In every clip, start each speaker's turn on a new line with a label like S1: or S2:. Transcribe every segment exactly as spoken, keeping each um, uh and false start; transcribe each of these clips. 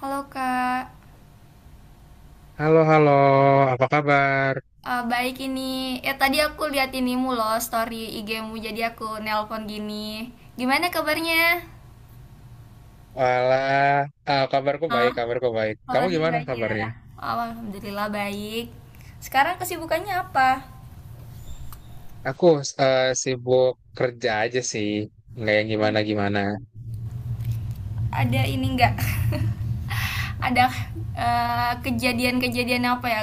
S1: Halo Kak,
S2: Halo, halo, apa kabar?
S1: Eh, baik ini. Ya tadi aku lihat inimu loh story I G-mu jadi aku nelpon gini. Gimana kabarnya?
S2: Walah, ah, kabarku baik,
S1: Hah?
S2: kabarku baik. Kamu
S1: Kabarnya
S2: gimana
S1: baik ya.
S2: kabarnya?
S1: Oh, Alhamdulillah baik. Sekarang kesibukannya apa?
S2: Aku eh, sibuk kerja aja sih, nggak yang gimana-gimana.
S1: Ada ini enggak? Ada eh, kejadian-kejadian apa ya?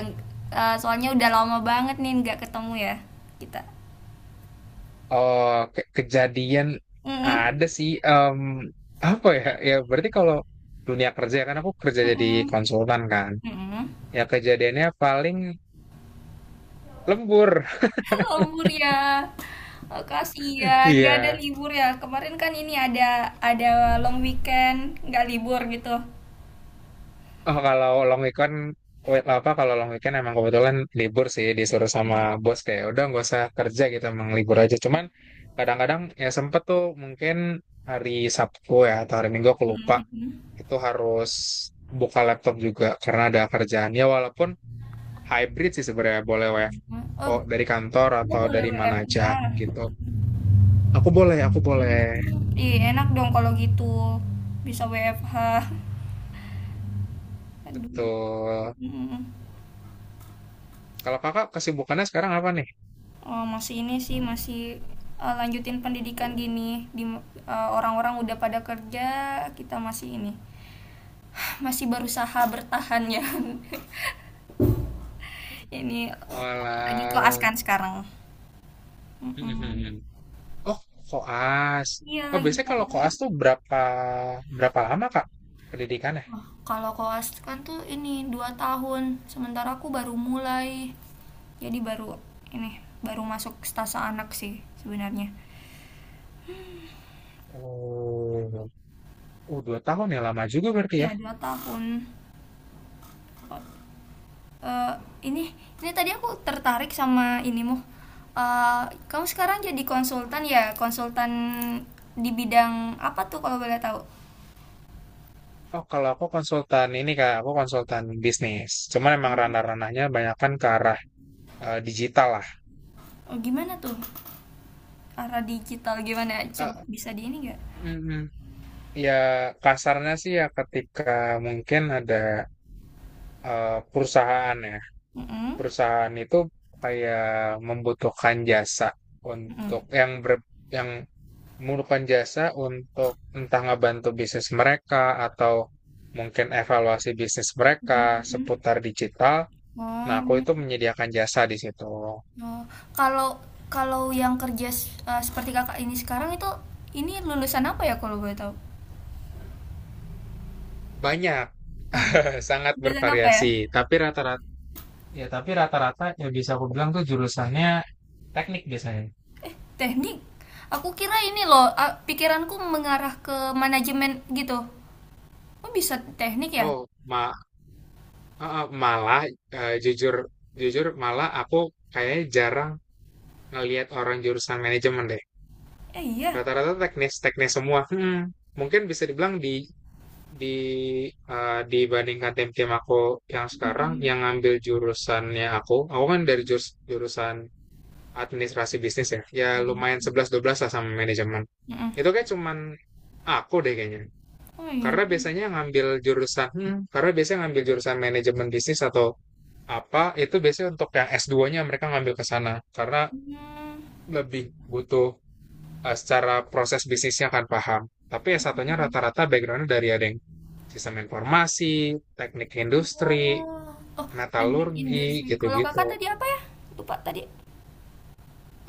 S1: Eh, soalnya udah lama banget nih nggak ketemu ya kita.
S2: Oh, ke- kejadian
S1: Mm-mm.
S2: ada sih, em, apa ya? Ya berarti kalau dunia kerja kan aku kerja jadi
S1: Mm-mm.
S2: konsultan kan.
S1: Mm-mm.
S2: Ya kejadiannya paling lembur.
S1: Lembur ya. Oh, kasihan, nggak ada
S2: Iya.
S1: libur ya. Kemarin kan ini ada ada long weekend, nggak libur gitu.
S2: Oh, kalau long weekend, wait, apa kalau long weekend emang kebetulan libur sih disuruh sama bos kayak "Ya udah nggak usah kerja gitu emang libur aja. Cuman kadang-kadang ya sempet tuh mungkin hari Sabtu ya atau hari Minggu aku lupa
S1: Mm.
S2: itu harus buka laptop juga karena ada kerjaan ya walaupun hybrid sih sebenarnya boleh W F O
S1: Oh,
S2: dari kantor
S1: oh,
S2: atau
S1: boleh
S2: dari mana aja
S1: W F H.
S2: gitu. Aku boleh, aku boleh.
S1: Mm. Ih, enak dong kalau gitu. Bisa W F H. Aduh.
S2: Betul.
S1: Mm.
S2: Kalau kakak kesibukannya sekarang apa nih?
S1: Oh, masih ini sih masih eh, lanjutin pendidikan gini di eh, orang-orang udah pada kerja, kita masih ini masih berusaha bertahan ya. Ini lagi koas
S2: Olah.
S1: kan sekarang. Mm-mm.
S2: Oh, koas.
S1: Iya
S2: Oh,
S1: lagi
S2: biasanya kalau
S1: koas.
S2: koas tuh berapa berapa lama, Kak, pendidikannya?
S1: Wah, kalau koas kan tuh ini dua tahun, sementara aku baru mulai. Jadi baru ini baru masuk stase anak sih sebenarnya.
S2: Oh, oh dua tahun ya lama juga berarti
S1: Ya
S2: ya.
S1: dua tahun. Eh ini ini tadi aku tertarik sama inimu. Eh Kamu sekarang jadi konsultan ya, konsultan di bidang apa tuh kalau boleh tahu?
S2: Oh, kalau aku konsultan ini Kak, aku konsultan bisnis. Cuman emang ranah-ranahnya banyakkan ke arah eh, digital lah.
S1: Oh, gimana tuh? Arah digital gimana?
S2: Eh,
S1: Coba bisa di ini nggak?
S2: mm, Ya kasarnya sih ya ketika mungkin ada eh, perusahaan ya.
S1: Mhm,
S2: Perusahaan itu kayak membutuhkan jasa
S1: mhm,
S2: untuk yang ber, yang memerlukan jasa untuk entah ngebantu bisnis mereka atau mungkin evaluasi bisnis
S1: mhm
S2: mereka
S1: mhm.
S2: seputar digital. Nah, aku
S1: Oh
S2: itu menyediakan jasa di situ.
S1: oh, kalau kalau yang kerja s eee, seperti Kakak ini sekarang itu, ini lulusan apa ya kalau boleh tahu?
S2: Banyak,
S1: Heeh,
S2: sangat
S1: lulusan apa ya?
S2: bervariasi. Tapi rata-rata ya tapi rata-rata ya bisa aku bilang tuh jurusannya teknik biasanya.
S1: Eh, Teknik? Aku kira ini loh, a pikiranku mengarah ke manajemen gitu. Oh bisa teknik ya?
S2: Oh, ma eh, eh, malah eh, jujur jujur malah aku kayaknya jarang ngelihat orang jurusan manajemen deh.
S1: Eh, iya?
S2: Rata-rata teknis teknis semua. Hmm, mungkin bisa dibilang di Di eee, dibandingkan tim-tim aku yang sekarang,
S1: Mhm
S2: yang ngambil jurusannya aku, aku kan dari jurus jurusan administrasi bisnis ya, ya lumayan sebelas dua belas lah sama manajemen.
S1: mhm, mhm.
S2: Itu kayak cuman aku deh kayaknya.
S1: Oh iya,
S2: Karena biasanya ngambil jurusan hmm, karena biasanya ngambil jurusan manajemen bisnis atau apa, itu biasanya untuk yang s dua nya mereka ngambil ke sana. Karena
S1: mmm,
S2: lebih butuh eh, secara proses bisnisnya akan paham. Tapi S satu nya
S1: mhm.
S2: rata-rata background-nya dari ada yang sistem informasi, teknik industri,
S1: Oh, oh teknik
S2: metalurgi,
S1: industri. Kalau
S2: gitu-gitu.
S1: Kakak tadi apa ya? Lupa tadi.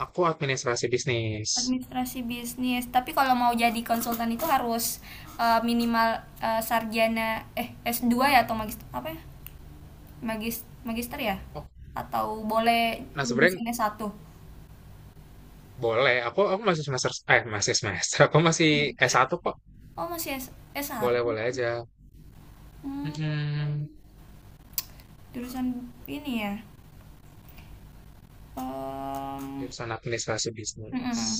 S2: Aku administrasi bisnis.
S1: Administrasi bisnis tapi kalau mau jadi konsultan itu harus eh, minimal eh, sarjana eh s dua ya atau magister apa ya magis magister ya
S2: Oh,
S1: atau boleh
S2: nah sebenarnya
S1: lulusan S satu
S2: boleh. Aku aku masih semester eh masih semester. Aku masih S satu kok.
S1: oh masih S
S2: Boleh-boleh
S1: S1.
S2: aja.
S1: Hmm,
S2: Mm-mm.
S1: jurusan ini ya. Em,
S2: Jurusan administrasi bisnis.
S1: mm-mm.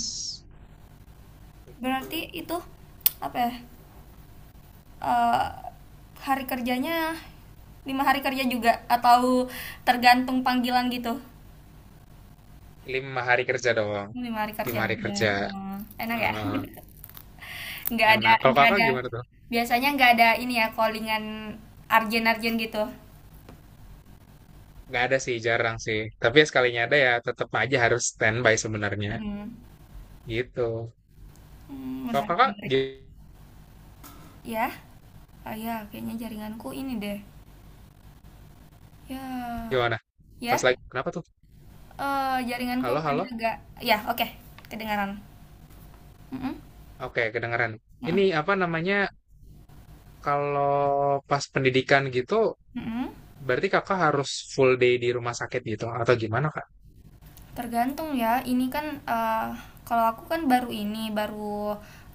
S2: Itu
S1: Berarti itu apa ya. Eh, Hari kerjanya lima hari kerja juga atau tergantung panggilan gitu.
S2: lima hari kerja doang.
S1: Lima hari kerja
S2: Lima hari
S1: aja.
S2: kerja.
S1: Oh, enak ya?
S2: Eh,
S1: Nggak ada,
S2: enak. Kalau
S1: nggak
S2: kakak
S1: ada.
S2: gimana tuh?
S1: Biasanya nggak ada ini ya, callingan arjen-arjen gitu.
S2: Nggak ada sih, jarang sih. Tapi ya sekalinya ada ya tetap aja harus standby sebenarnya.
S1: Mm.
S2: Gitu.
S1: Hmm,
S2: Kalau
S1: menarik,
S2: kakak
S1: menarik.
S2: gi-
S1: Ya, oh ya, kayaknya jaringanku ini deh. Ya,
S2: gimana? Pas
S1: ya,
S2: lagi, kenapa tuh?
S1: eh jaringanku
S2: Halo,
S1: tadi
S2: halo?
S1: agak, ya, oke, kedengaran. Mm-mm,
S2: Oke, kedengeran. Ini
S1: mm-mm,
S2: apa namanya, kalau pas pendidikan gitu,
S1: mm-mm.
S2: berarti kakak harus full day di rumah sakit gitu? Atau gimana, Kak?
S1: Tergantung ya. Ini kan eh, kalau aku kan baru ini, baru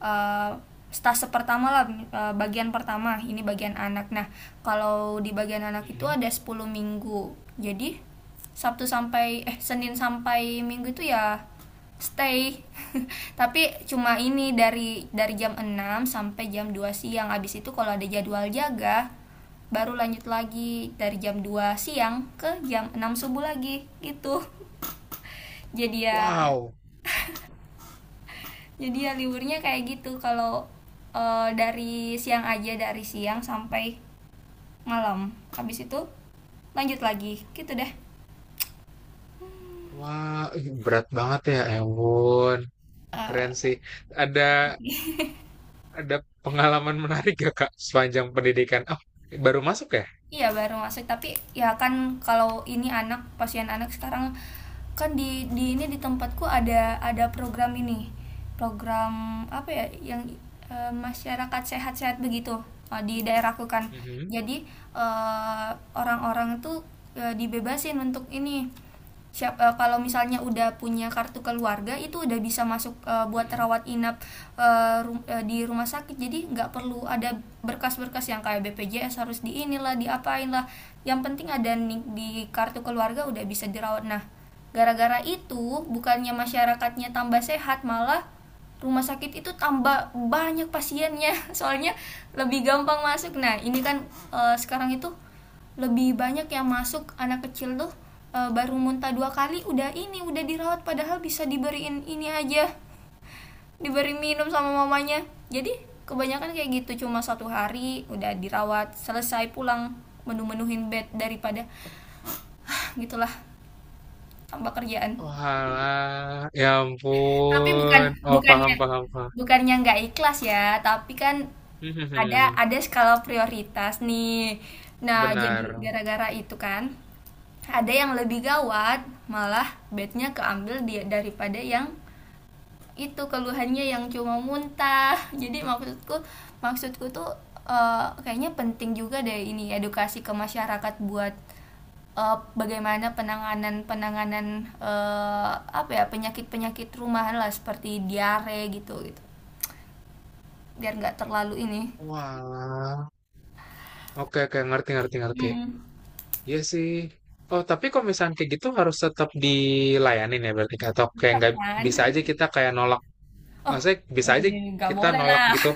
S1: eh, stase pertama lah eh, bagian pertama. Ini bagian anak. Nah, kalau di bagian anak itu
S2: Mm-mm.
S1: ada sepuluh minggu. Jadi Sabtu sampai eh Senin sampai Minggu itu ya stay. Tapi cuma ini dari dari jam enam sampai jam dua siang. Abis itu kalau ada jadwal jaga baru lanjut lagi dari jam dua siang ke jam enam subuh lagi gitu. Jadi ya,
S2: Wow.
S1: jadi ya liburnya kayak gitu kalau eh, dari siang aja dari siang sampai malam. Habis itu lanjut lagi, gitu deh.
S2: Wah, ih, berat banget ya, Ewon. Keren sih. Ada ada pengalaman menarik gak, Kak, sepanjang pendidikan? Oh, baru masuk ya?
S1: Iya baru masuk tapi ya kan kalau ini anak pasien anak sekarang kan di di ini di tempatku ada ada program ini program apa ya yang eh, masyarakat sehat-sehat begitu eh, di daerahku kan
S2: Mhm.
S1: jadi eh, orang-orang tuh eh, dibebasin untuk ini siap eh, kalau misalnya udah punya kartu keluarga itu udah bisa masuk eh, buat
S2: Mhm.
S1: rawat inap eh, ru- eh, di rumah sakit jadi nggak perlu ada berkas-berkas yang kayak B P J S harus di inilah diapain lah yang penting ada nih di kartu keluarga udah bisa dirawat. Nah, gara-gara itu bukannya masyarakatnya tambah sehat malah rumah sakit itu tambah banyak pasiennya soalnya lebih gampang masuk. Nah ini kan eh, sekarang itu lebih banyak yang masuk anak kecil tuh eh, baru muntah dua kali udah ini udah dirawat padahal bisa diberiin ini aja diberi minum sama mamanya. Jadi kebanyakan kayak gitu cuma satu hari udah dirawat selesai pulang, menu-menuhin bed daripada ah, gitulah, tambah kerjaan.
S2: Oalah, ya
S1: Tapi bukan
S2: ampun. Oh, paham,
S1: bukannya
S2: paham, paham.
S1: bukannya nggak ikhlas ya, tapi kan
S2: Hmm, hmm,
S1: ada
S2: hmm.
S1: ada skala prioritas nih. Nah,
S2: benar.
S1: jadi gara-gara itu kan ada yang lebih gawat, malah bednya keambil dia daripada yang itu keluhannya yang cuma muntah. Jadi maksudku maksudku tuh eh, kayaknya penting juga deh ini edukasi ke masyarakat buat eh, bagaimana penanganan penanganan eh, apa ya penyakit penyakit rumahan lah seperti diare gitu gitu biar nggak terlalu ini.
S2: Walah. Oke, oke, ngerti, ngerti, ngerti.
S1: Hmm,
S2: Iya sih. Oh, tapi kalau misalnya kayak gitu harus tetap dilayanin ya berarti Kak? atau kayak
S1: cocok
S2: nggak
S1: kan.
S2: bisa aja kita kayak nolak.
S1: Oh,
S2: Maksudnya
S1: oh,
S2: bisa aja
S1: ini nggak
S2: kita
S1: boleh
S2: nolak
S1: lah.
S2: gitu.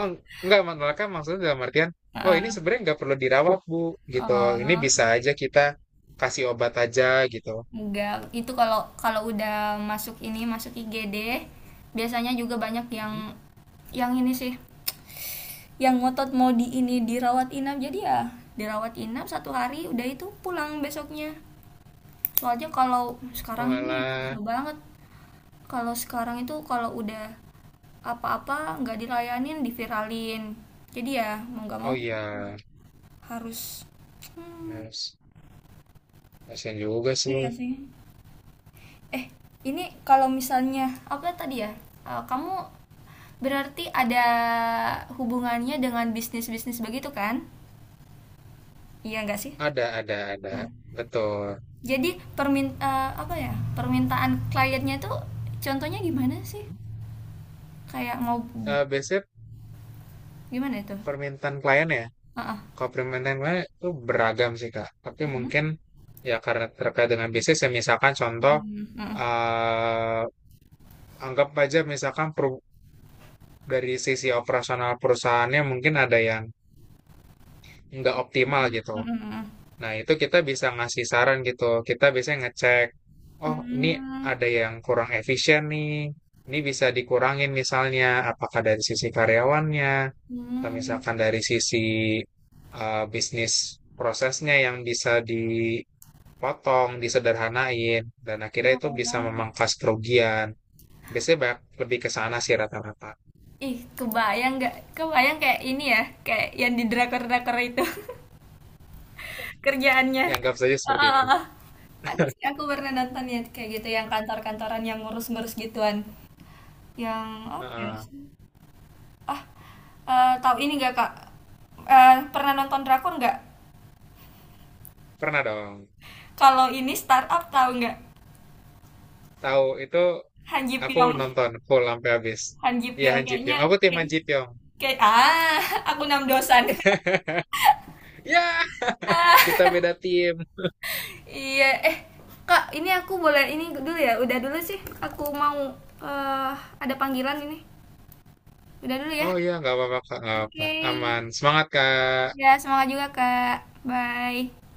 S2: Oh, enggak, nolaknya maksudnya dalam artian, oh ini
S1: Heeh.
S2: sebenarnya nggak perlu dirawat, Bu, gitu. Ini
S1: Oh,
S2: bisa aja kita kasih obat aja gitu.
S1: enggak, itu kalau kalau udah masuk ini masuk I G D biasanya juga banyak yang
S2: Mhm.
S1: yang ini sih yang ngotot mau di ini dirawat inap. Jadi ya dirawat inap satu hari udah itu pulang besoknya. Soalnya kalau sekarang ini ya
S2: Walah.
S1: susah banget kalau sekarang itu kalau udah apa-apa nggak dilayanin diviralin jadi ya mau nggak
S2: Oh
S1: mau
S2: iya.
S1: harus. Hmm,
S2: Yes. Kasihan juga sih.
S1: iya sih. Eh ini Kalau misalnya apa tadi ya. Eh, kamu berarti ada hubungannya dengan bisnis bisnis begitu kan, iya nggak sih?
S2: Ada, ada, ada.
S1: Nah,
S2: Betul.
S1: jadi permin eh, apa ya, permintaan kliennya tuh contohnya gimana sih,
S2: Mhm.
S1: kayak mau
S2: Eh biasanya
S1: gimana itu?
S2: permintaan klien ya.
S1: Heeh.
S2: Kalau permintaan klien itu beragam sih, Kak. Tapi
S1: Mm,
S2: mungkin ya karena terkait dengan bisnis ya misalkan contoh
S1: mm, mm,
S2: eh anggap aja misalkan per dari sisi operasional perusahaannya mungkin ada yang nggak optimal gitu.
S1: mm,
S2: Nah, itu kita bisa ngasih saran gitu. Kita biasanya ngecek,
S1: mm,
S2: oh ini ada
S1: mm,
S2: yang kurang efisien nih. Ini bisa dikurangin misalnya, apakah dari sisi karyawannya, atau
S1: mm.
S2: misalkan dari sisi eh, bisnis prosesnya yang bisa dipotong, disederhanain, dan akhirnya itu bisa memangkas kerugian. Biasanya banyak lebih ke sana sih rata-rata.
S1: Ih, kebayang nggak? Kebayang kayak ini ya, kayak yang di drakor-drakor itu. Kerjaannya.
S2: Dianggap saja
S1: Ah,
S2: seperti
S1: ah,
S2: itu.
S1: ah, ah. Ada sih aku pernah nonton ya kayak gitu yang kantor-kantoran yang ngurus-ngurus gituan. Yang apa ya?
S2: Heeh.
S1: Sih? Ah, eh, tahu ini nggak Kak? Eh, pernah nonton drakor nggak?
S2: Pernah dong.
S1: Kalau ini startup tahu nggak?
S2: Tahu itu.
S1: Han Ji
S2: Aku
S1: Pyong.
S2: nonton full sampai habis.
S1: Han Ji
S2: Iya
S1: Pyong
S2: Han Ji
S1: kayaknya
S2: Pyong. Aku tim
S1: kayak
S2: Han Ji Pyong.
S1: kayak ah, aku enam dosan.
S2: Ya, kita beda tim.
S1: Iya, eh Kak, ini aku boleh ini dulu ya. Udah dulu sih. Aku mau eh ada panggilan ini. Udah dulu ya.
S2: Oh iya, nggak apa-apa kak, nggak apa-apa.
S1: Oke.
S2: Aman. Semangat kak.
S1: Ya, semangat juga, Kak. Bye.